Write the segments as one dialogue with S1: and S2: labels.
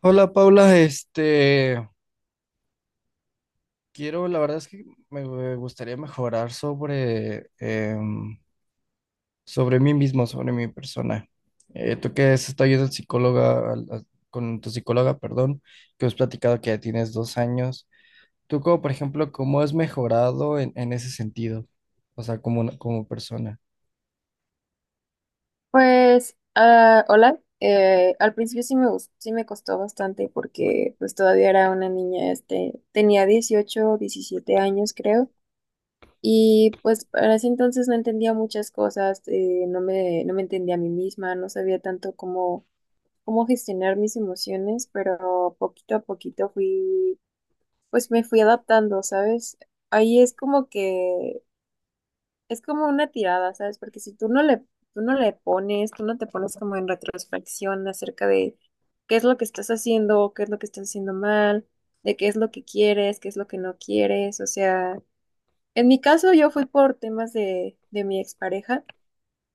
S1: Hola Paula, quiero, la verdad es que me gustaría mejorar sobre mí mismo, sobre mi persona. Tú que has estado yendo al psicóloga, con tu psicóloga, perdón, que has platicado que ya tienes 2 años. Tú como, por ejemplo, ¿cómo has mejorado en ese sentido? O sea, como, como persona.
S2: Pues, ah, hola. Al principio sí me costó bastante porque pues todavía era una niña, este, tenía 18, 17 años creo, y pues para ese entonces no entendía muchas cosas, no me entendía a mí misma, no sabía tanto cómo gestionar mis emociones, pero poquito a poquito pues me fui adaptando, ¿sabes? Ahí es como que es como una tirada, ¿sabes? Porque tú no te pones como en retrospección acerca de qué es lo que estás haciendo, qué es lo que estás haciendo mal, de qué es lo que quieres, qué es lo que no quieres. O sea, en mi caso yo fui por temas de mi expareja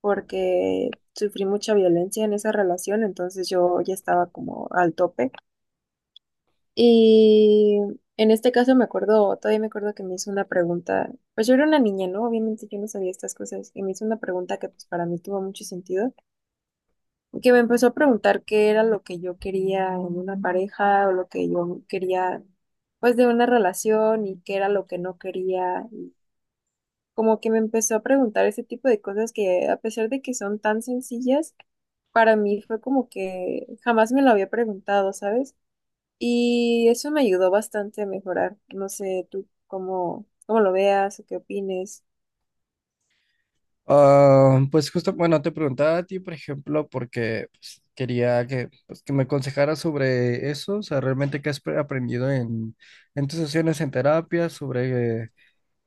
S2: porque sufrí mucha violencia en esa relación, entonces yo ya estaba como al tope. Y en este caso me acuerdo, todavía me acuerdo que me hizo una pregunta, pues yo era una niña, ¿no? Obviamente yo no sabía estas cosas y me hizo una pregunta que pues para mí tuvo mucho sentido, que me empezó a preguntar qué era lo que yo quería en una pareja o lo que yo quería pues de una relación y qué era lo que no quería. Y como que me empezó a preguntar ese tipo de cosas que a pesar de que son tan sencillas, para mí fue como que jamás me lo había preguntado, ¿sabes? Y eso me ayudó bastante a mejorar. No sé tú cómo, cómo lo veas o qué opines.
S1: Ah, pues justo, bueno, te preguntaba a ti, por ejemplo, porque pues, quería que me aconsejaras sobre eso, o sea, realmente qué has aprendido en tus sesiones en terapia, sobre,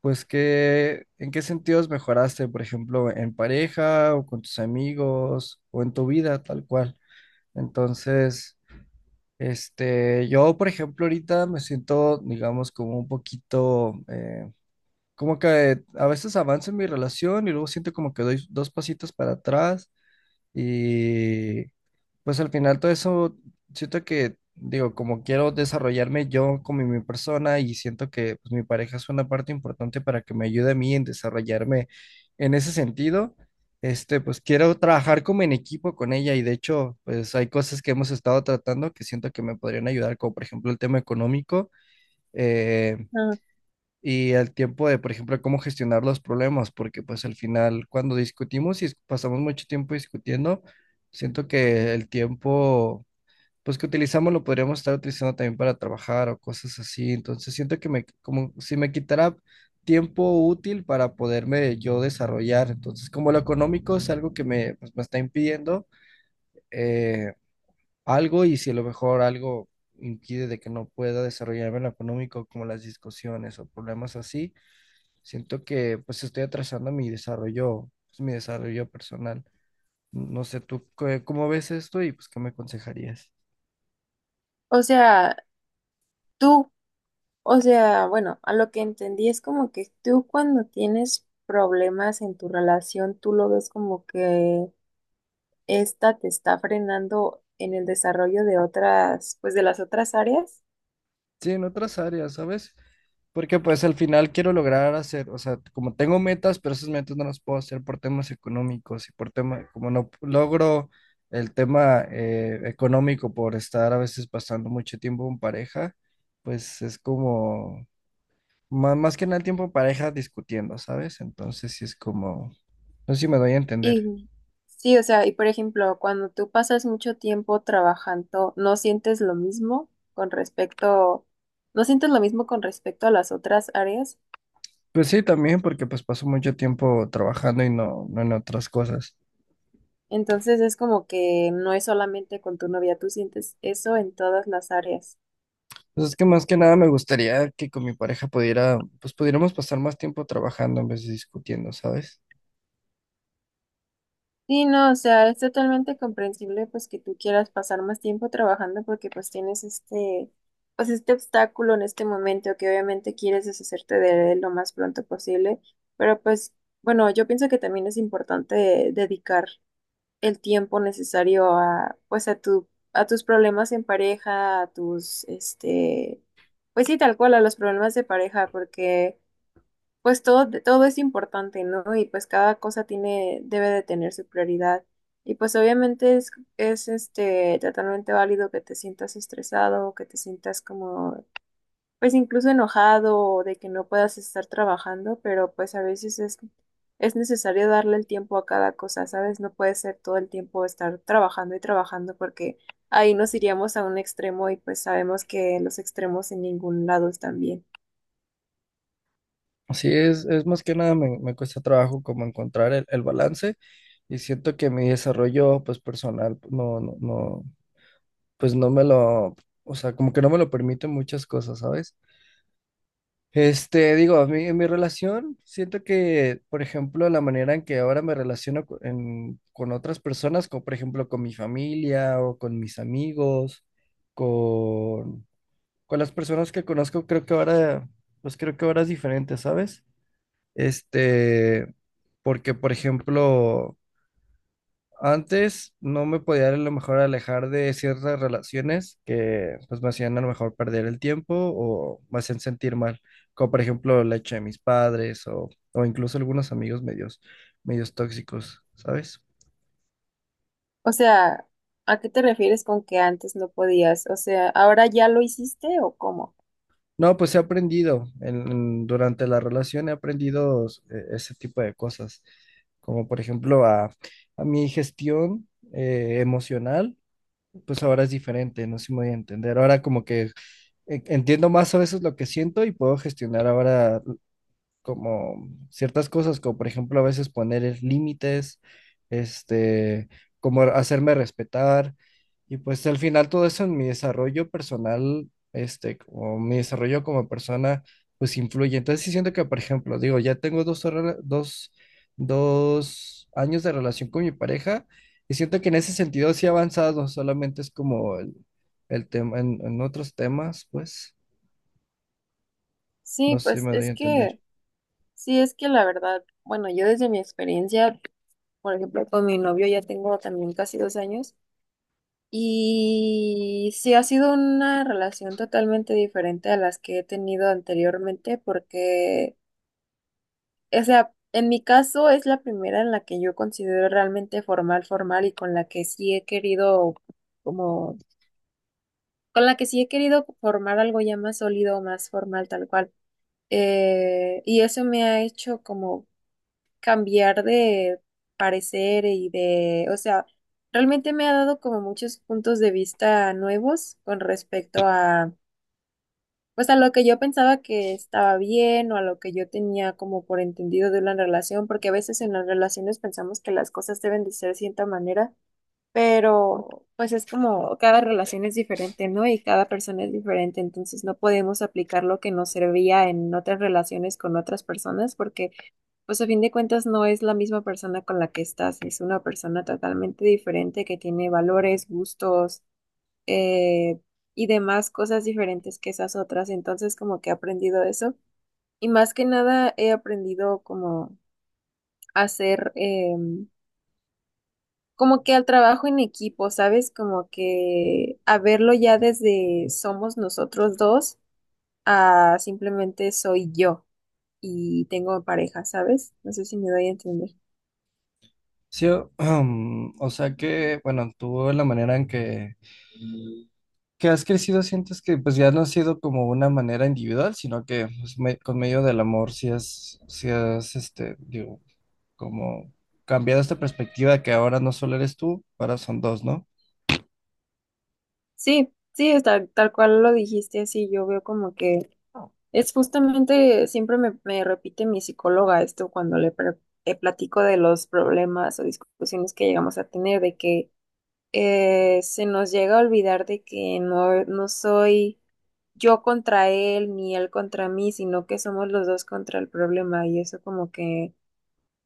S1: pues, en qué sentidos mejoraste, por ejemplo, en pareja o con tus amigos o en tu vida, tal cual. Entonces, yo, por ejemplo, ahorita me siento, digamos, como un poquito, como que a veces avanzo en mi relación y luego siento como que doy dos pasitos para atrás y pues al final todo eso siento que, digo, como quiero desarrollarme yo como mi persona y siento que pues, mi pareja es una parte importante para que me ayude a mí en desarrollarme en ese sentido. Pues quiero trabajar como en equipo con ella y de hecho pues hay cosas que hemos estado tratando que siento que me podrían ayudar, como por ejemplo el tema económico. Eh,
S2: Ah,
S1: y al tiempo de, por ejemplo, cómo gestionar los problemas, porque pues al final cuando discutimos y pasamos mucho tiempo discutiendo, siento que el tiempo pues que utilizamos lo podríamos estar utilizando también para trabajar o cosas así, entonces siento que me como si me quitara tiempo útil para poderme yo desarrollar, entonces como lo económico es algo que me, pues, me está impidiendo eh, algo y si a lo mejor algo impide de que no pueda desarrollarme en lo económico, como las discusiones o problemas así, siento que pues estoy atrasando mi desarrollo, pues, mi desarrollo personal. No sé tú cómo ves esto y pues qué me aconsejarías.
S2: o sea, tú, o sea, bueno, a lo que entendí es como que tú cuando tienes problemas en tu relación, tú lo ves como que esta te está frenando en el desarrollo de otras, pues de las otras áreas.
S1: Sí, en otras áreas, ¿sabes? Porque pues al final quiero lograr hacer, o sea, como tengo metas, pero esas metas no las puedo hacer por temas económicos y por tema, como no logro el tema económico por estar a veces pasando mucho tiempo en pareja, pues es como, más que nada el tiempo en pareja discutiendo, ¿sabes? Entonces sí es como, no sé si me doy a entender.
S2: Y sí, o sea, y por ejemplo, cuando tú pasas mucho tiempo trabajando, ¿no sientes lo mismo con respecto, no sientes lo mismo con respecto a las otras áreas?
S1: Pues sí, también porque pues paso mucho tiempo trabajando y no en otras cosas.
S2: Entonces es como que no es solamente con tu novia, tú sientes eso en todas las áreas.
S1: Pues es que más que nada me gustaría que con mi pareja pudiera, pues pudiéramos pasar más tiempo trabajando en vez de discutiendo, ¿sabes?
S2: Sí, no, o sea, es totalmente comprensible pues que tú quieras pasar más tiempo trabajando porque pues tienes este, pues este obstáculo en este momento que obviamente quieres deshacerte de él lo más pronto posible, pero pues bueno, yo pienso que también es importante dedicar el tiempo necesario a pues a tus problemas en pareja, a tus este, pues sí, tal cual, a los problemas de pareja porque pues todo, todo es importante, ¿no? Y pues cada cosa tiene, debe de tener su prioridad. Y pues obviamente es este totalmente válido que te sientas estresado, que te sientas como, pues incluso enojado o de que no puedas estar trabajando, pero pues a veces es necesario darle el tiempo a cada cosa, ¿sabes? No puede ser todo el tiempo estar trabajando y trabajando porque ahí nos iríamos a un extremo y pues sabemos que los extremos en ningún lado están bien.
S1: Así es más que nada me cuesta trabajo como encontrar el balance y siento que mi desarrollo pues personal no, pues no me lo, o sea, como que no me lo permiten muchas cosas, ¿sabes? Digo, a mí en mi relación, siento que, por ejemplo, la manera en que ahora me relaciono con otras personas, como por ejemplo con mi familia o con mis amigos, con, con las personas que conozco, creo que ahora, pues creo que ahora es diferente, ¿sabes? Este, Porque, por ejemplo, antes no me podía a lo mejor alejar de ciertas relaciones que pues me hacían a lo mejor perder el tiempo o me hacían sentir mal, como por ejemplo la hecha de mis padres o incluso algunos amigos medios tóxicos, ¿sabes?
S2: O sea, ¿a qué te refieres con que antes no podías? O sea, ¿ahora ya lo hiciste o cómo?
S1: No, pues he aprendido durante la relación he aprendido ese tipo de cosas, como por ejemplo a mi gestión emocional, pues ahora es diferente, no sé si me voy a entender, ahora como que entiendo más a veces lo que siento y puedo gestionar ahora como ciertas cosas, como por ejemplo a veces poner límites, este, como hacerme respetar. Y pues al final todo eso en mi desarrollo personal, o mi desarrollo como persona, pues influye. Entonces sí siento que, por ejemplo, digo, ya tengo dos años de relación con mi pareja y siento que en ese sentido sí he avanzado, solamente es como el tema, en otros temas, pues.
S2: Sí,
S1: No sé si me doy a entender.
S2: sí, es que la verdad, bueno, yo desde mi experiencia, por ejemplo, con mi novio ya tengo también casi 2 años y sí ha sido una relación totalmente diferente a las que he tenido anteriormente porque, o sea, en mi caso es la primera en la que yo considero realmente formal, formal y como con la que sí he querido formar algo ya más sólido, más formal, tal cual. Y eso me ha hecho como cambiar de parecer y de, o sea, realmente me ha dado como muchos puntos de vista nuevos con respecto a, pues a lo que yo pensaba que estaba bien o a lo que yo tenía como por entendido de una relación, porque a veces en las relaciones pensamos que las cosas deben de ser de cierta manera pero pues es como cada relación es diferente, ¿no? Y cada persona es diferente, entonces no podemos aplicar lo que nos servía en otras relaciones con otras personas porque pues a fin de cuentas no es la misma persona con la que estás, es una persona totalmente diferente que tiene valores, gustos, eh, y demás cosas diferentes que esas otras, entonces como que he aprendido eso y más que nada he aprendido como hacer em, como que al trabajo en equipo, ¿sabes? Como que a verlo ya desde somos nosotros dos a simplemente soy yo y tengo pareja, ¿sabes? No sé si me doy a entender.
S1: Sí, o sea que, bueno, tú la manera en que has crecido sientes que pues ya no ha sido como una manera individual, sino que pues, con medio del amor sí has, digo, como cambiado esta perspectiva que ahora no solo eres tú, ahora son dos, ¿no?
S2: Sí, sí, es tal cual lo dijiste así, yo veo como que es justamente, siempre me repite mi psicóloga esto cuando platico de los problemas o discusiones que llegamos a tener, de que se nos llega a olvidar de que no soy yo contra él ni él contra mí, sino que somos los dos contra el problema y eso como que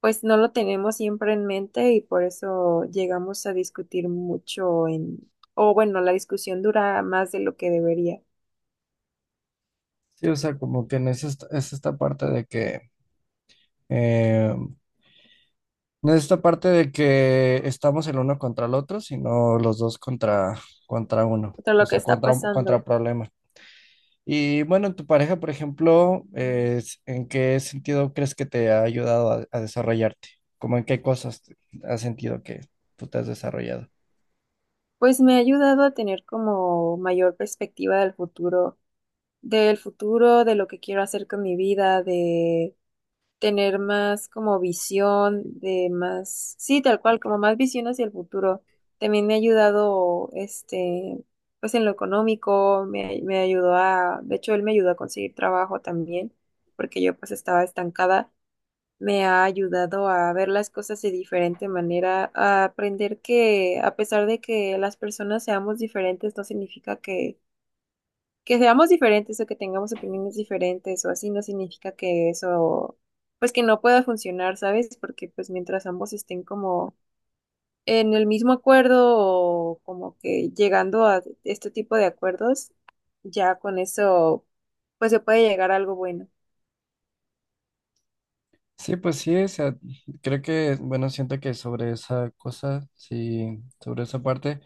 S2: pues no lo tenemos siempre en mente y por eso llegamos a discutir mucho en, o bueno, la discusión dura más de lo que debería,
S1: Sí, o sea, como que en esa es esta parte de que, eh, no es esta parte de que estamos el uno contra el otro, sino los dos contra uno,
S2: de
S1: o
S2: lo que
S1: sea,
S2: está
S1: contra
S2: pasando.
S1: problemas. Y bueno, tu pareja, por ejemplo, ¿en qué sentido crees que te ha ayudado a desarrollarte? ¿Cómo en qué cosas has sentido que tú te has desarrollado?
S2: Pues me ha ayudado a tener como mayor perspectiva del futuro, de lo que quiero hacer con mi vida, de tener más como visión, de más, sí, tal cual, como más visión hacia el futuro. También me ha ayudado, este, pues en lo económico, me ayudó a, de hecho, él me ayudó a conseguir trabajo también, porque yo pues estaba estancada, me ha ayudado a ver las cosas de diferente manera, a aprender que a pesar de que las personas seamos diferentes, no significa que seamos diferentes o que tengamos opiniones diferentes o así, no significa que eso, pues que no pueda funcionar, ¿sabes? Porque pues mientras ambos estén como en el mismo acuerdo o como que llegando a este tipo de acuerdos, ya con eso, pues se puede llegar a algo bueno.
S1: Sí, pues sí, o sea, creo que, bueno, siento que sobre esa cosa, sí, sobre esa parte,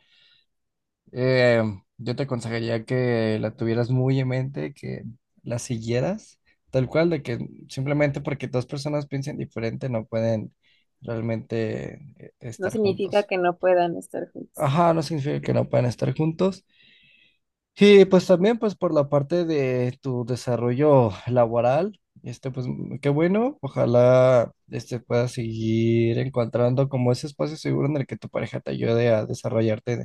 S1: eh, yo te aconsejaría que la tuvieras muy en mente, que la siguieras, tal cual, de que simplemente porque dos personas piensen diferente no pueden realmente
S2: No
S1: estar
S2: significa
S1: juntos.
S2: que no puedan estar juntos.
S1: Ajá, no significa que no puedan estar juntos. Y pues también pues por la parte de tu desarrollo laboral, este pues qué bueno, ojalá este puedas seguir encontrando como ese espacio seguro en el que tu pareja te ayude a desarrollarte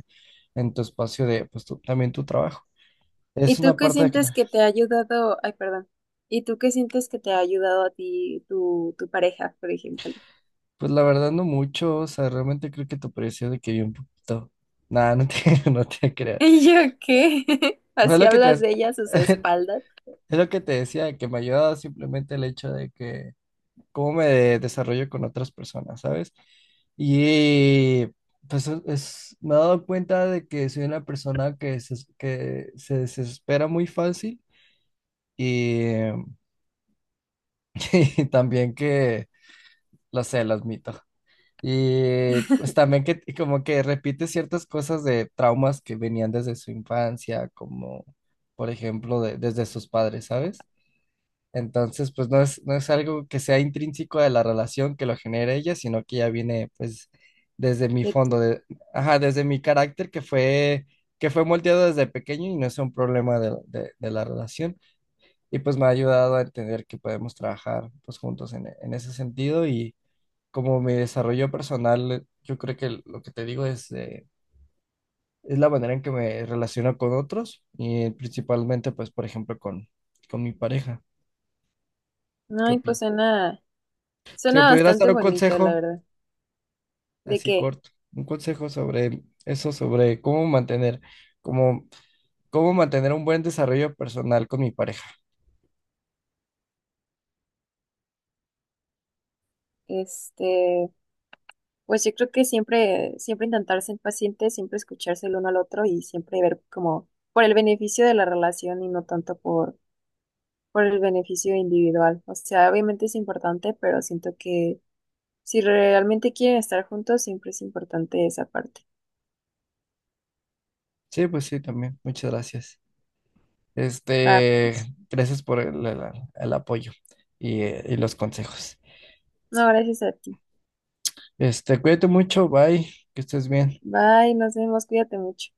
S1: en tu espacio de también tu trabajo. Es
S2: ¿Y tú
S1: una
S2: qué
S1: parte de que
S2: sientes que te ha ayudado? Ay, perdón. ¿Y tú qué sientes que te ha ayudado a ti tu, tu pareja, por ejemplo?
S1: pues la verdad no mucho, o sea, realmente creo que tu pareció de que vi un poquito. Nada, no te, no te creas.
S2: ¿Y yo qué?
S1: Fue
S2: Así
S1: lo que te,
S2: hablas
S1: es
S2: de ella a sus espaldas,
S1: lo que te decía, que me ayuda simplemente el hecho de que cómo me desarrollo con otras personas, ¿sabes? Y pues me he dado cuenta de que soy una persona que se desespera muy fácil y, y también que, lo sé, lo admito. Y pues también que y como que repite ciertas cosas de traumas que venían desde su infancia, como por ejemplo desde sus padres, ¿sabes? Entonces, pues no es algo que sea intrínseco de la relación que lo genere ella, sino que ya viene pues desde mi
S2: de
S1: fondo,
S2: tu.
S1: de, ajá, desde mi carácter que fue moldeado desde pequeño y no es un problema de la relación. Y pues me ha ayudado a entender que podemos trabajar pues juntos en ese sentido y como mi desarrollo personal, yo creo que lo que te digo es la manera en que me relaciono con otros y principalmente pues por ejemplo con mi pareja. ¿Qué
S2: Ay, pues
S1: opinas?
S2: suena,
S1: Si me
S2: suena
S1: pudieras
S2: bastante
S1: dar un
S2: bonito, la
S1: consejo,
S2: verdad. ¿De
S1: así
S2: qué?
S1: corto, un consejo sobre eso, sobre cómo mantener, cómo, cómo mantener un buen desarrollo personal con mi pareja.
S2: Este, pues yo creo que siempre, siempre intentar ser paciente, siempre escucharse el uno al otro y siempre ver como por el beneficio de la relación y no tanto por el beneficio individual. O sea, obviamente es importante, pero siento que si realmente quieren estar juntos, siempre es importante esa parte.
S1: Sí, pues sí, también. Muchas gracias.
S2: Va,
S1: Este,
S2: pues.
S1: Gracias por el apoyo y los consejos.
S2: No, gracias a ti.
S1: Cuídate mucho, bye, que estés bien.
S2: Bye, nos vemos, cuídate mucho.